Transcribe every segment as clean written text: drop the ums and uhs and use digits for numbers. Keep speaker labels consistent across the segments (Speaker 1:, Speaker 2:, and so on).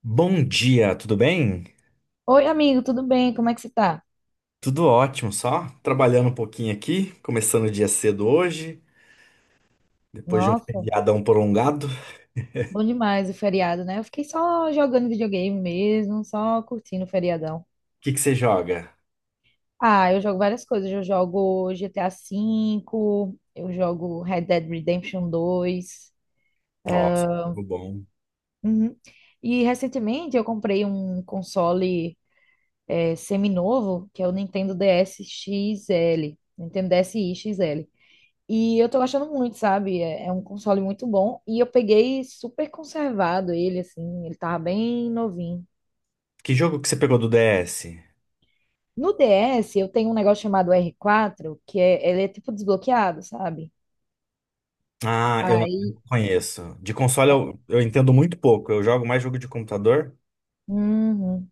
Speaker 1: Bom dia, tudo bem?
Speaker 2: Oi, amigo, tudo bem? Como é que você tá?
Speaker 1: Tudo ótimo, só trabalhando um pouquinho aqui, começando o dia cedo hoje, depois de um
Speaker 2: Nossa,
Speaker 1: feriadão prolongado. O
Speaker 2: bom demais o feriado, né? Eu fiquei só jogando videogame mesmo, só curtindo o feriadão.
Speaker 1: que que você joga?
Speaker 2: Ah, eu jogo várias coisas. Eu jogo GTA V, eu jogo Red Dead Redemption 2.
Speaker 1: Nossa, jogo bom.
Speaker 2: Uhum. E recentemente eu comprei um console semi-novo, que é o Nintendo DS XL. Nintendo DSi XL. E eu tô gostando muito, sabe? É, é um console muito bom. E eu peguei super conservado ele, assim. Ele tava bem novinho.
Speaker 1: Que jogo que você pegou do DS?
Speaker 2: No DS, eu tenho um negócio chamado R4, que é, ele é tipo desbloqueado, sabe?
Speaker 1: Ah, eu não
Speaker 2: Aí.
Speaker 1: conheço. De console
Speaker 2: é-
Speaker 1: eu entendo muito pouco, eu jogo mais jogo de computador.
Speaker 2: Uhum,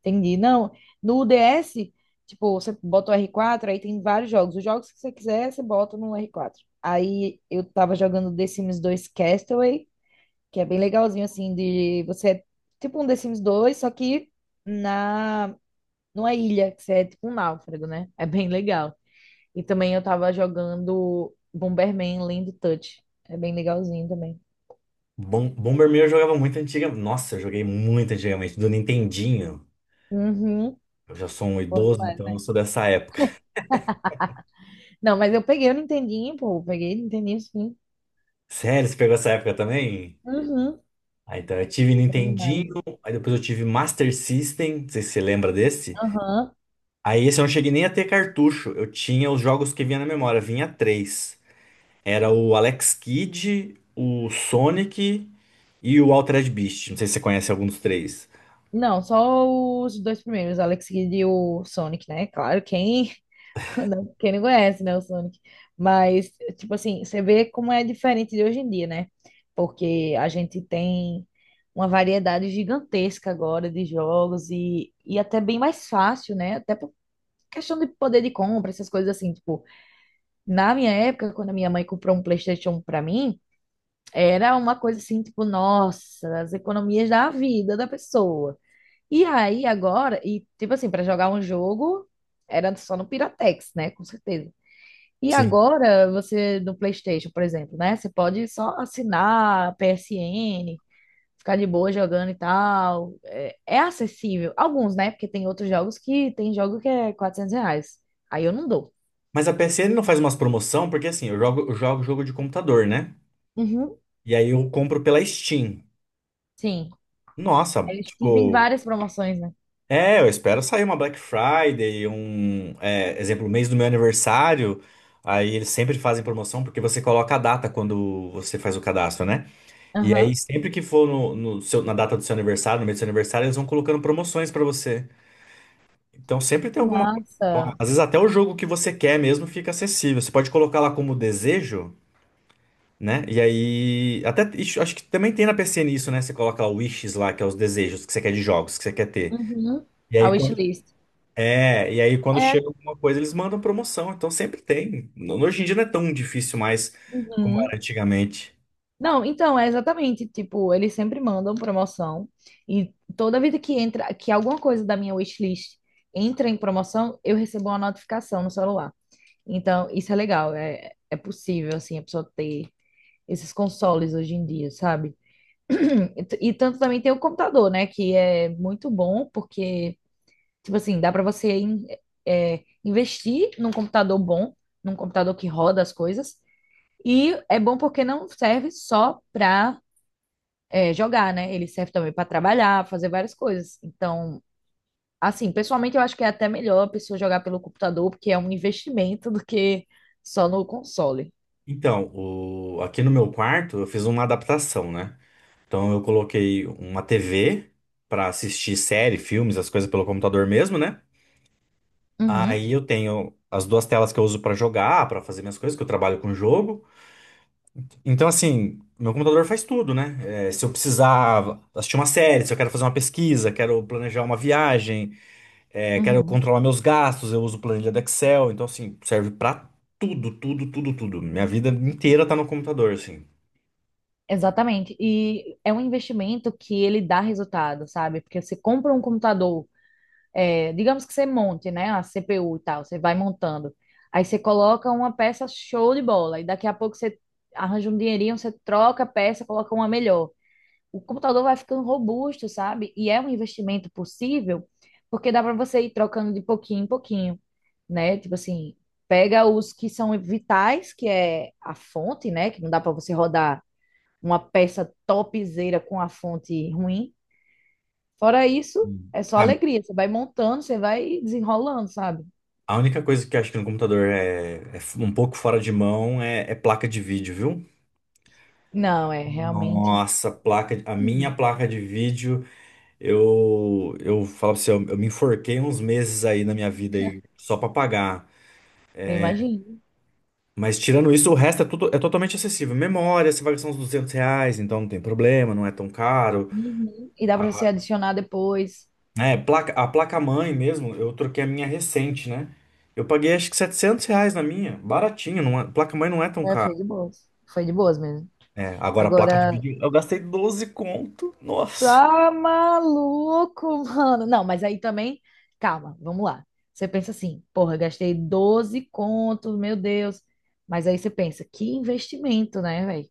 Speaker 2: entendi. Não, no DS, tipo, você bota o R4, aí tem vários jogos. Os jogos que você quiser, você bota no R4. Aí eu tava jogando The Sims 2 Castaway, que é bem legalzinho, assim, de você. Tipo um The Sims 2, só que na numa ilha, que você é tipo um náufrago, né? É bem legal. E também eu tava jogando Bomberman Land Touch. É bem legalzinho também.
Speaker 1: Bom, Bomberman eu jogava muito antiga. Nossa, eu joguei muito antigamente, do Nintendinho.
Speaker 2: Uhum.
Speaker 1: Eu já sou um
Speaker 2: Bom
Speaker 1: idoso, então eu
Speaker 2: demais.
Speaker 1: sou dessa época.
Speaker 2: Não, mas eu peguei o Nintendinho, pô. Eu peguei o Nintendinho, sim.
Speaker 1: Sério, você pegou essa época também?
Speaker 2: Uhum.
Speaker 1: Ah, então eu tive
Speaker 2: Bom
Speaker 1: Nintendinho,
Speaker 2: demais.
Speaker 1: aí depois eu tive Master System, não sei se você lembra desse.
Speaker 2: Aham.
Speaker 1: Aí esse eu não cheguei nem a ter cartucho, eu tinha os jogos que vinha na memória, vinha três. Era o Alex Kidd, o Sonic e o Altered Beast, não sei se você conhece algum dos três.
Speaker 2: Não, só os dois primeiros, Alex Kidd e o Sonic, né? Claro, quem Não, quem não conhece, né, o Sonic. Mas, tipo assim, você vê como é diferente de hoje em dia, né? Porque a gente tem uma variedade gigantesca agora de jogos e até bem mais fácil, né? Até por questão de poder de compra, essas coisas assim, tipo, na minha época, quando a minha mãe comprou um PlayStation pra mim, era uma coisa assim, tipo, nossa, as economias da vida da pessoa. E aí agora, e tipo assim, para jogar um jogo, era só no Piratex, né? Com certeza. E
Speaker 1: Sim.
Speaker 2: agora você no PlayStation, por exemplo, né? Você pode só assinar a PSN ficar de boa jogando e tal. É, é acessível. Alguns, né? Porque tem outros jogos que tem jogo que é R$ 400. Aí eu não dou.
Speaker 1: Mas a PSN não faz umas promoção, porque assim, eu jogo jogo de computador, né?
Speaker 2: Uhum.
Speaker 1: E aí eu compro pela Steam.
Speaker 2: Sim. A
Speaker 1: Nossa,
Speaker 2: Steam tem
Speaker 1: tipo,
Speaker 2: várias promoções, né?
Speaker 1: é, eu espero sair uma Black Friday, um, exemplo, mês do meu aniversário. Aí eles sempre fazem promoção porque você coloca a data quando você faz o cadastro, né? E aí
Speaker 2: Aham.
Speaker 1: sempre que for no, no seu- na data do seu aniversário, no mês do seu aniversário, eles vão colocando promoções pra você. Então sempre tem alguma coisa. Então,
Speaker 2: Massa.
Speaker 1: às vezes até o jogo que você quer mesmo fica acessível. Você pode colocar lá como desejo, né? E aí até ixi, acho que também tem na PCN isso, né? Você coloca lá o wishes lá, que é os desejos que você quer de jogos que você quer ter.
Speaker 2: Uhum.
Speaker 1: E
Speaker 2: A
Speaker 1: aí, quando
Speaker 2: wishlist.
Speaker 1: e aí, quando
Speaker 2: É.
Speaker 1: chega alguma coisa, eles mandam promoção, então sempre tem. Hoje em dia não é tão difícil mais como
Speaker 2: Uhum.
Speaker 1: era antigamente.
Speaker 2: Não, então, é exatamente, tipo, eles sempre mandam promoção e toda vida que entra, que alguma coisa da minha wishlist entra em promoção, eu recebo uma notificação no celular. Então, isso é legal, é, é possível, assim, a pessoa ter esses consoles hoje em dia, sabe? E tanto também tem o computador, né, que é muito bom porque, tipo assim, dá para você investir num computador bom, num computador que roda as coisas, e é bom porque não serve só para jogar, né? Ele serve também para trabalhar, fazer várias coisas. Então, assim, pessoalmente eu acho que é até melhor a pessoa jogar pelo computador, porque é um investimento do que só no console.
Speaker 1: Então, aqui no meu quarto eu fiz uma adaptação, né? Então eu coloquei uma TV para assistir série, filmes, as coisas pelo computador mesmo, né?
Speaker 2: Uhum,
Speaker 1: Aí eu tenho as duas telas que eu uso para jogar, para fazer minhas coisas, que eu trabalho com jogo. Então, assim, meu computador faz tudo, né? Se eu precisar assistir uma série, se eu quero fazer uma pesquisa, quero planejar uma viagem. Quero
Speaker 2: uhum.
Speaker 1: controlar meus gastos, eu uso planilha do Excel, então assim, serve pra tudo, tudo, tudo, tudo. Minha vida inteira tá no computador, assim.
Speaker 2: Exatamente. E é um investimento que ele dá resultado, sabe? Porque você compra um computador, é, digamos que você monte, né? A CPU e tal, você vai montando. Aí você coloca uma peça show de bola, e daqui a pouco você arranja um dinheirinho, você troca a peça, coloca uma melhor. O computador vai ficando robusto, sabe? E é um investimento possível, porque dá para você ir trocando de pouquinho em pouquinho, né? Tipo assim, pega os que são vitais, que é a fonte, né? Que não dá para você rodar uma peça topzera com a fonte ruim. Fora isso,
Speaker 1: Hum.
Speaker 2: é só
Speaker 1: A,
Speaker 2: alegria. Você vai montando, você vai desenrolando, sabe?
Speaker 1: a única coisa que eu acho que no computador é, um pouco fora de mão é, é placa de vídeo, viu?
Speaker 2: Não, é realmente.
Speaker 1: Nossa, placa, a
Speaker 2: Hum,
Speaker 1: minha placa de vídeo, eu falo pra você, eu me enforquei uns meses aí na minha vida aí só pra pagar.
Speaker 2: eu imagino.
Speaker 1: Mas tirando isso, o resto é tudo é totalmente acessível. Memória, você vai gastar uns R$ 200, então não tem problema, não é tão caro.
Speaker 2: Uhum. E dá para você
Speaker 1: Ah,
Speaker 2: adicionar depois.
Speaker 1: é, placa, a placa-mãe mesmo, eu troquei a minha recente, né? Eu paguei acho que R$ 700 na minha, baratinho, placa-mãe não é tão
Speaker 2: É,
Speaker 1: cara.
Speaker 2: foi de boas. Foi de boas mesmo.
Speaker 1: É, agora a placa de
Speaker 2: Agora,
Speaker 1: vídeo, eu gastei 12 conto, nossa.
Speaker 2: tá maluco, mano. Não, mas aí também, calma, vamos lá. Você pensa assim, porra, gastei 12 contos, meu Deus. Mas aí você pensa, que investimento, né, velho?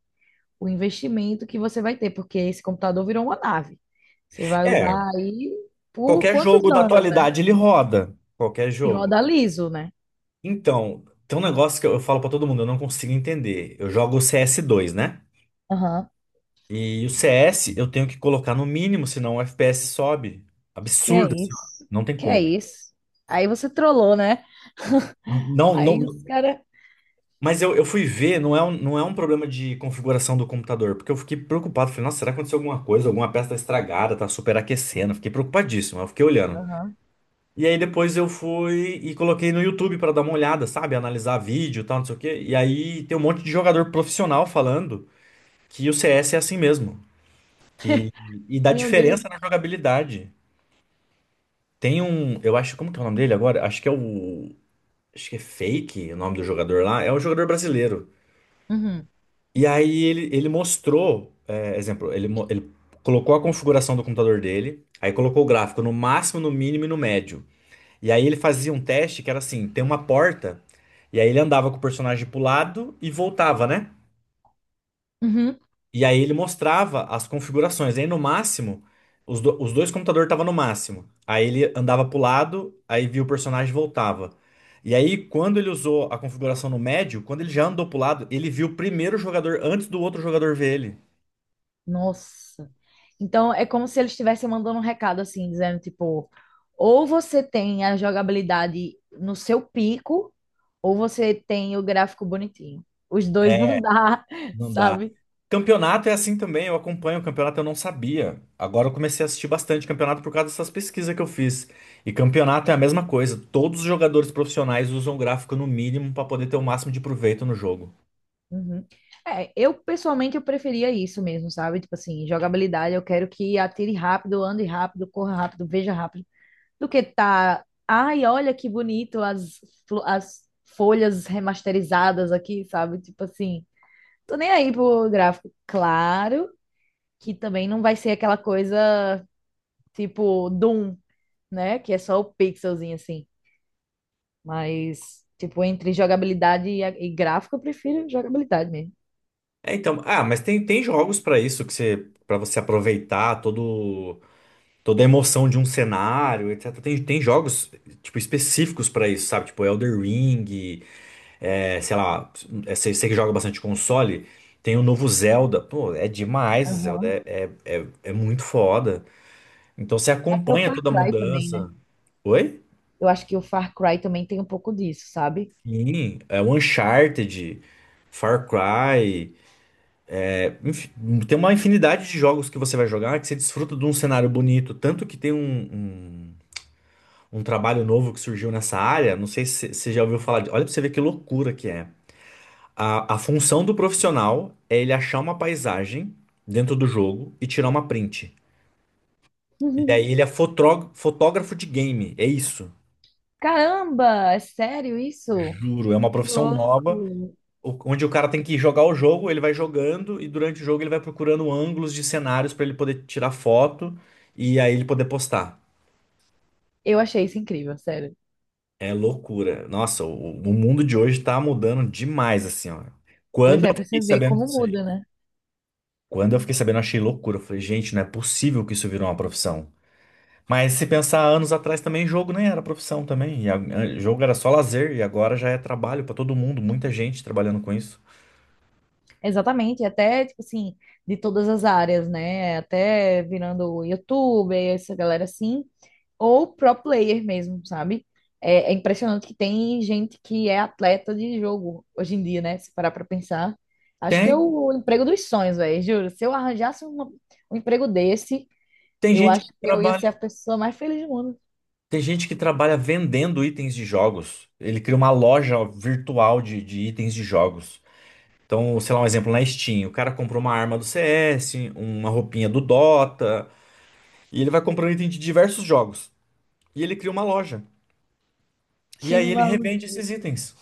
Speaker 2: O investimento que você vai ter, porque esse computador virou uma nave. Você vai
Speaker 1: É,
Speaker 2: usar aí por
Speaker 1: qualquer
Speaker 2: quantos
Speaker 1: jogo da
Speaker 2: anos, né?
Speaker 1: atualidade ele roda, qualquer
Speaker 2: E
Speaker 1: jogo.
Speaker 2: roda liso, né?
Speaker 1: Então, tem um negócio que eu falo pra todo mundo, eu não consigo entender. Eu jogo o CS 2, né?
Speaker 2: Aham.
Speaker 1: E o CS eu tenho que colocar no mínimo, senão o FPS sobe.
Speaker 2: Que é
Speaker 1: Absurdo, assim,
Speaker 2: isso?
Speaker 1: não tem
Speaker 2: Que é
Speaker 1: como.
Speaker 2: isso? Aí você trollou, né?
Speaker 1: Não, não,
Speaker 2: Aí os
Speaker 1: não.
Speaker 2: caras.
Speaker 1: Mas eu fui ver, não é um problema de configuração do computador, porque eu fiquei preocupado. Falei, nossa, será que aconteceu alguma coisa? Alguma peça tá estragada, tá superaquecendo. Fiquei preocupadíssimo, eu fiquei olhando.
Speaker 2: Aham.
Speaker 1: E aí depois eu fui e coloquei no YouTube pra dar uma olhada, sabe? Analisar vídeo e tal, não sei o quê. E aí tem um monte de jogador profissional falando que o CS é assim mesmo. Que, e dá
Speaker 2: Meu Deus.
Speaker 1: diferença na jogabilidade. Tem um, eu acho, como que é o nome dele agora? Acho que é o. Acho que é Fake o nome do jogador lá. É um jogador brasileiro.
Speaker 2: Uhum.
Speaker 1: E aí ele mostrou, exemplo, ele colocou a configuração do computador dele, aí colocou o gráfico no máximo, no mínimo e no médio. E aí ele fazia um teste que era assim, tem uma porta, e aí ele andava com o personagem pro lado e voltava, né?
Speaker 2: Uhum.
Speaker 1: E aí ele mostrava as configurações. Aí no máximo, os dois computadores estavam no máximo. Aí ele andava pro lado, aí via o personagem e voltava. E aí, quando ele usou a configuração no médio, quando ele já andou pro lado, ele viu primeiro o jogador antes do outro jogador ver ele.
Speaker 2: Nossa. Então é como se eles estivessem mandando um recado assim, dizendo tipo, ou você tem a jogabilidade no seu pico, ou você tem o gráfico bonitinho. Os dois
Speaker 1: É,
Speaker 2: não dá,
Speaker 1: não dá.
Speaker 2: sabe?
Speaker 1: Campeonato é assim também, eu acompanho o campeonato, eu não sabia. Agora eu comecei a assistir bastante campeonato por causa dessas pesquisas que eu fiz. E campeonato é a mesma coisa, todos os jogadores profissionais usam gráfico no mínimo para poder ter o máximo de proveito no jogo.
Speaker 2: Uhum. É, eu pessoalmente eu preferia isso mesmo, sabe? Tipo assim, jogabilidade, eu quero que atire rápido, ande rápido, corra rápido, veja rápido, do que tá, ai, olha que bonito as as folhas remasterizadas aqui, sabe? Tipo assim, tô nem aí pro gráfico. Claro que também não vai ser aquela coisa tipo Doom, né? Que é só o pixelzinho assim. Mas, tipo, entre jogabilidade e gráfico, eu prefiro jogabilidade mesmo.
Speaker 1: É, então, ah, mas tem jogos para isso que você para você aproveitar todo toda a emoção de um cenário, etc. Tem jogos tipo específicos para isso, sabe? Tipo Elder Ring, é, sei lá, você que joga bastante console, tem o novo Zelda. Pô, é demais, o Zelda
Speaker 2: Aham.
Speaker 1: é muito foda. Então você
Speaker 2: Até o
Speaker 1: acompanha
Speaker 2: Far
Speaker 1: toda a
Speaker 2: Cry também, né?
Speaker 1: mudança. Oi?
Speaker 2: Eu acho que o Far Cry também tem um pouco disso, sabe?
Speaker 1: Sim, é o Uncharted, Far Cry, é, enfim, tem uma infinidade de jogos que você vai jogar que você desfruta de um cenário bonito, tanto que tem um, um trabalho novo que surgiu nessa área, não sei se você já ouviu falar, olha pra você ver que loucura que é. A função do profissional é ele achar uma paisagem dentro do jogo e tirar uma print. E daí ele é fotógrafo de game, é isso.
Speaker 2: Caramba, é sério isso?
Speaker 1: Juro, é uma
Speaker 2: Que
Speaker 1: profissão nova,
Speaker 2: louco!
Speaker 1: onde o cara tem que jogar o jogo, ele vai jogando e durante o jogo ele vai procurando ângulos de cenários para ele poder tirar foto e aí ele poder postar.
Speaker 2: Eu achei isso incrível, sério.
Speaker 1: É loucura. Nossa, o mundo de hoje tá mudando demais, assim, ó.
Speaker 2: Pois
Speaker 1: Quando eu
Speaker 2: é, pra
Speaker 1: fiquei
Speaker 2: você ver
Speaker 1: sabendo
Speaker 2: como
Speaker 1: disso aí,
Speaker 2: muda, né?
Speaker 1: quando eu fiquei sabendo, eu achei loucura. Eu falei, gente, não é possível que isso virou uma profissão. Mas se pensar anos atrás também, jogo nem era profissão também. Jogo era só lazer e agora já é trabalho para todo mundo, muita gente trabalhando com isso.
Speaker 2: Exatamente, até, tipo assim, de todas as áreas, né? Até virando youtuber, essa galera assim, ou pro player mesmo, sabe? É, é impressionante que tem gente que é atleta de jogo hoje em dia, né? Se parar pra pensar. Acho que é
Speaker 1: Tem,
Speaker 2: o emprego dos sonhos, velho, juro. Se eu arranjasse um emprego desse,
Speaker 1: tem
Speaker 2: eu
Speaker 1: gente
Speaker 2: acho
Speaker 1: que
Speaker 2: que eu ia ser
Speaker 1: trabalha,
Speaker 2: a pessoa mais feliz do mundo.
Speaker 1: vendendo itens de jogos. Ele cria uma loja virtual de itens de jogos. Então, sei lá, um exemplo na Steam, o cara comprou uma arma do CS, uma roupinha do Dota, e ele vai comprando item de diversos jogos. E ele cria uma loja. E
Speaker 2: Que
Speaker 1: aí ele revende
Speaker 2: maluco,
Speaker 1: esses itens.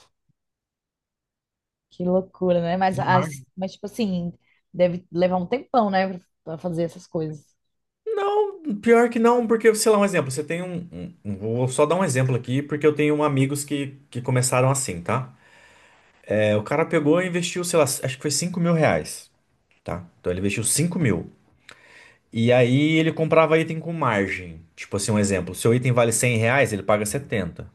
Speaker 2: que loucura, né? Mas,
Speaker 1: Uma
Speaker 2: as,
Speaker 1: marca.
Speaker 2: mas tipo assim, deve levar um tempão, né? Pra fazer essas coisas.
Speaker 1: Não, pior que não, porque, sei lá, um exemplo, você tem um. Vou só dar um exemplo aqui, porque eu tenho amigos que começaram assim, tá? É, o cara pegou e investiu, sei lá, acho que foi R$ 5.000, tá? Então ele investiu 5.000. E aí ele comprava item com margem. Tipo assim, um exemplo, seu item vale R$ 100, ele paga 70,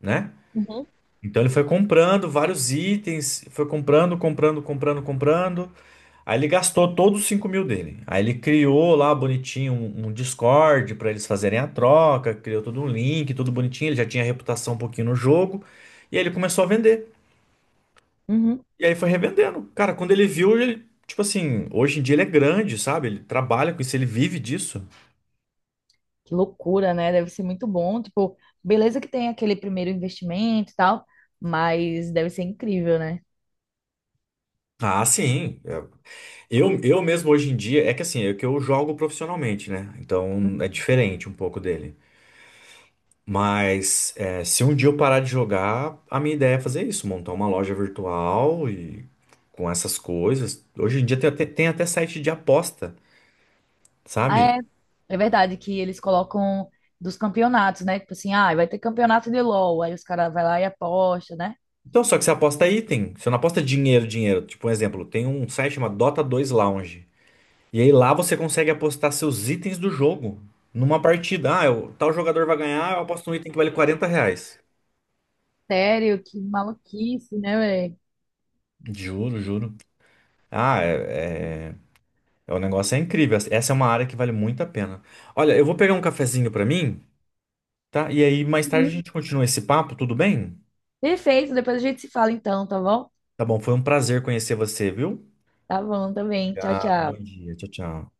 Speaker 1: né?
Speaker 2: Uhum.
Speaker 1: Então ele foi comprando vários itens, foi comprando, comprando, comprando, comprando. Aí ele gastou todos os 5.000 dele. Aí ele criou lá bonitinho um Discord para eles fazerem a troca, criou todo um link, tudo bonitinho. Ele já tinha reputação um pouquinho no jogo. E aí ele começou a vender.
Speaker 2: Uhum.
Speaker 1: E aí foi revendendo. Cara, quando ele viu, ele, tipo assim, hoje em dia ele é grande, sabe? Ele trabalha com isso, ele vive disso.
Speaker 2: Que loucura, né? Deve ser muito bom. Tipo, beleza que tem aquele primeiro investimento e tal, mas deve ser incrível, né?
Speaker 1: Ah, sim. É. Eu mesmo hoje em dia, é que assim, é que eu jogo profissionalmente, né? Então é diferente um pouco dele. Mas é, se um dia eu parar de jogar, a minha ideia é fazer isso, montar uma loja virtual e com essas coisas. Hoje em dia tem até site de aposta,
Speaker 2: Ah,
Speaker 1: sabe?
Speaker 2: é, é verdade que eles colocam dos campeonatos, né? Tipo assim, ah, vai ter campeonato de LOL. Aí os caras vai lá e aposta, né?
Speaker 1: Então, só que você aposta item, você não aposta dinheiro, dinheiro. Tipo, um exemplo, tem um site chamado Dota 2 Lounge. E aí lá você consegue apostar seus itens do jogo numa partida. Ah, tal jogador vai ganhar, eu aposto um item que vale R$ 40.
Speaker 2: Sério, que maluquice, né, velho?
Speaker 1: Juro, juro. Ah, é. O negócio é incrível. Essa é uma área que vale muito a pena. Olha, eu vou pegar um cafezinho pra mim, tá? E aí mais tarde a
Speaker 2: Uhum.
Speaker 1: gente continua esse papo, tudo bem?
Speaker 2: Perfeito, depois a gente se fala então, tá bom?
Speaker 1: Tá bom, foi um prazer conhecer você, viu?
Speaker 2: Tá bom também. Tchau,
Speaker 1: Obrigado, bom
Speaker 2: tchau.
Speaker 1: dia. Tchau, tchau.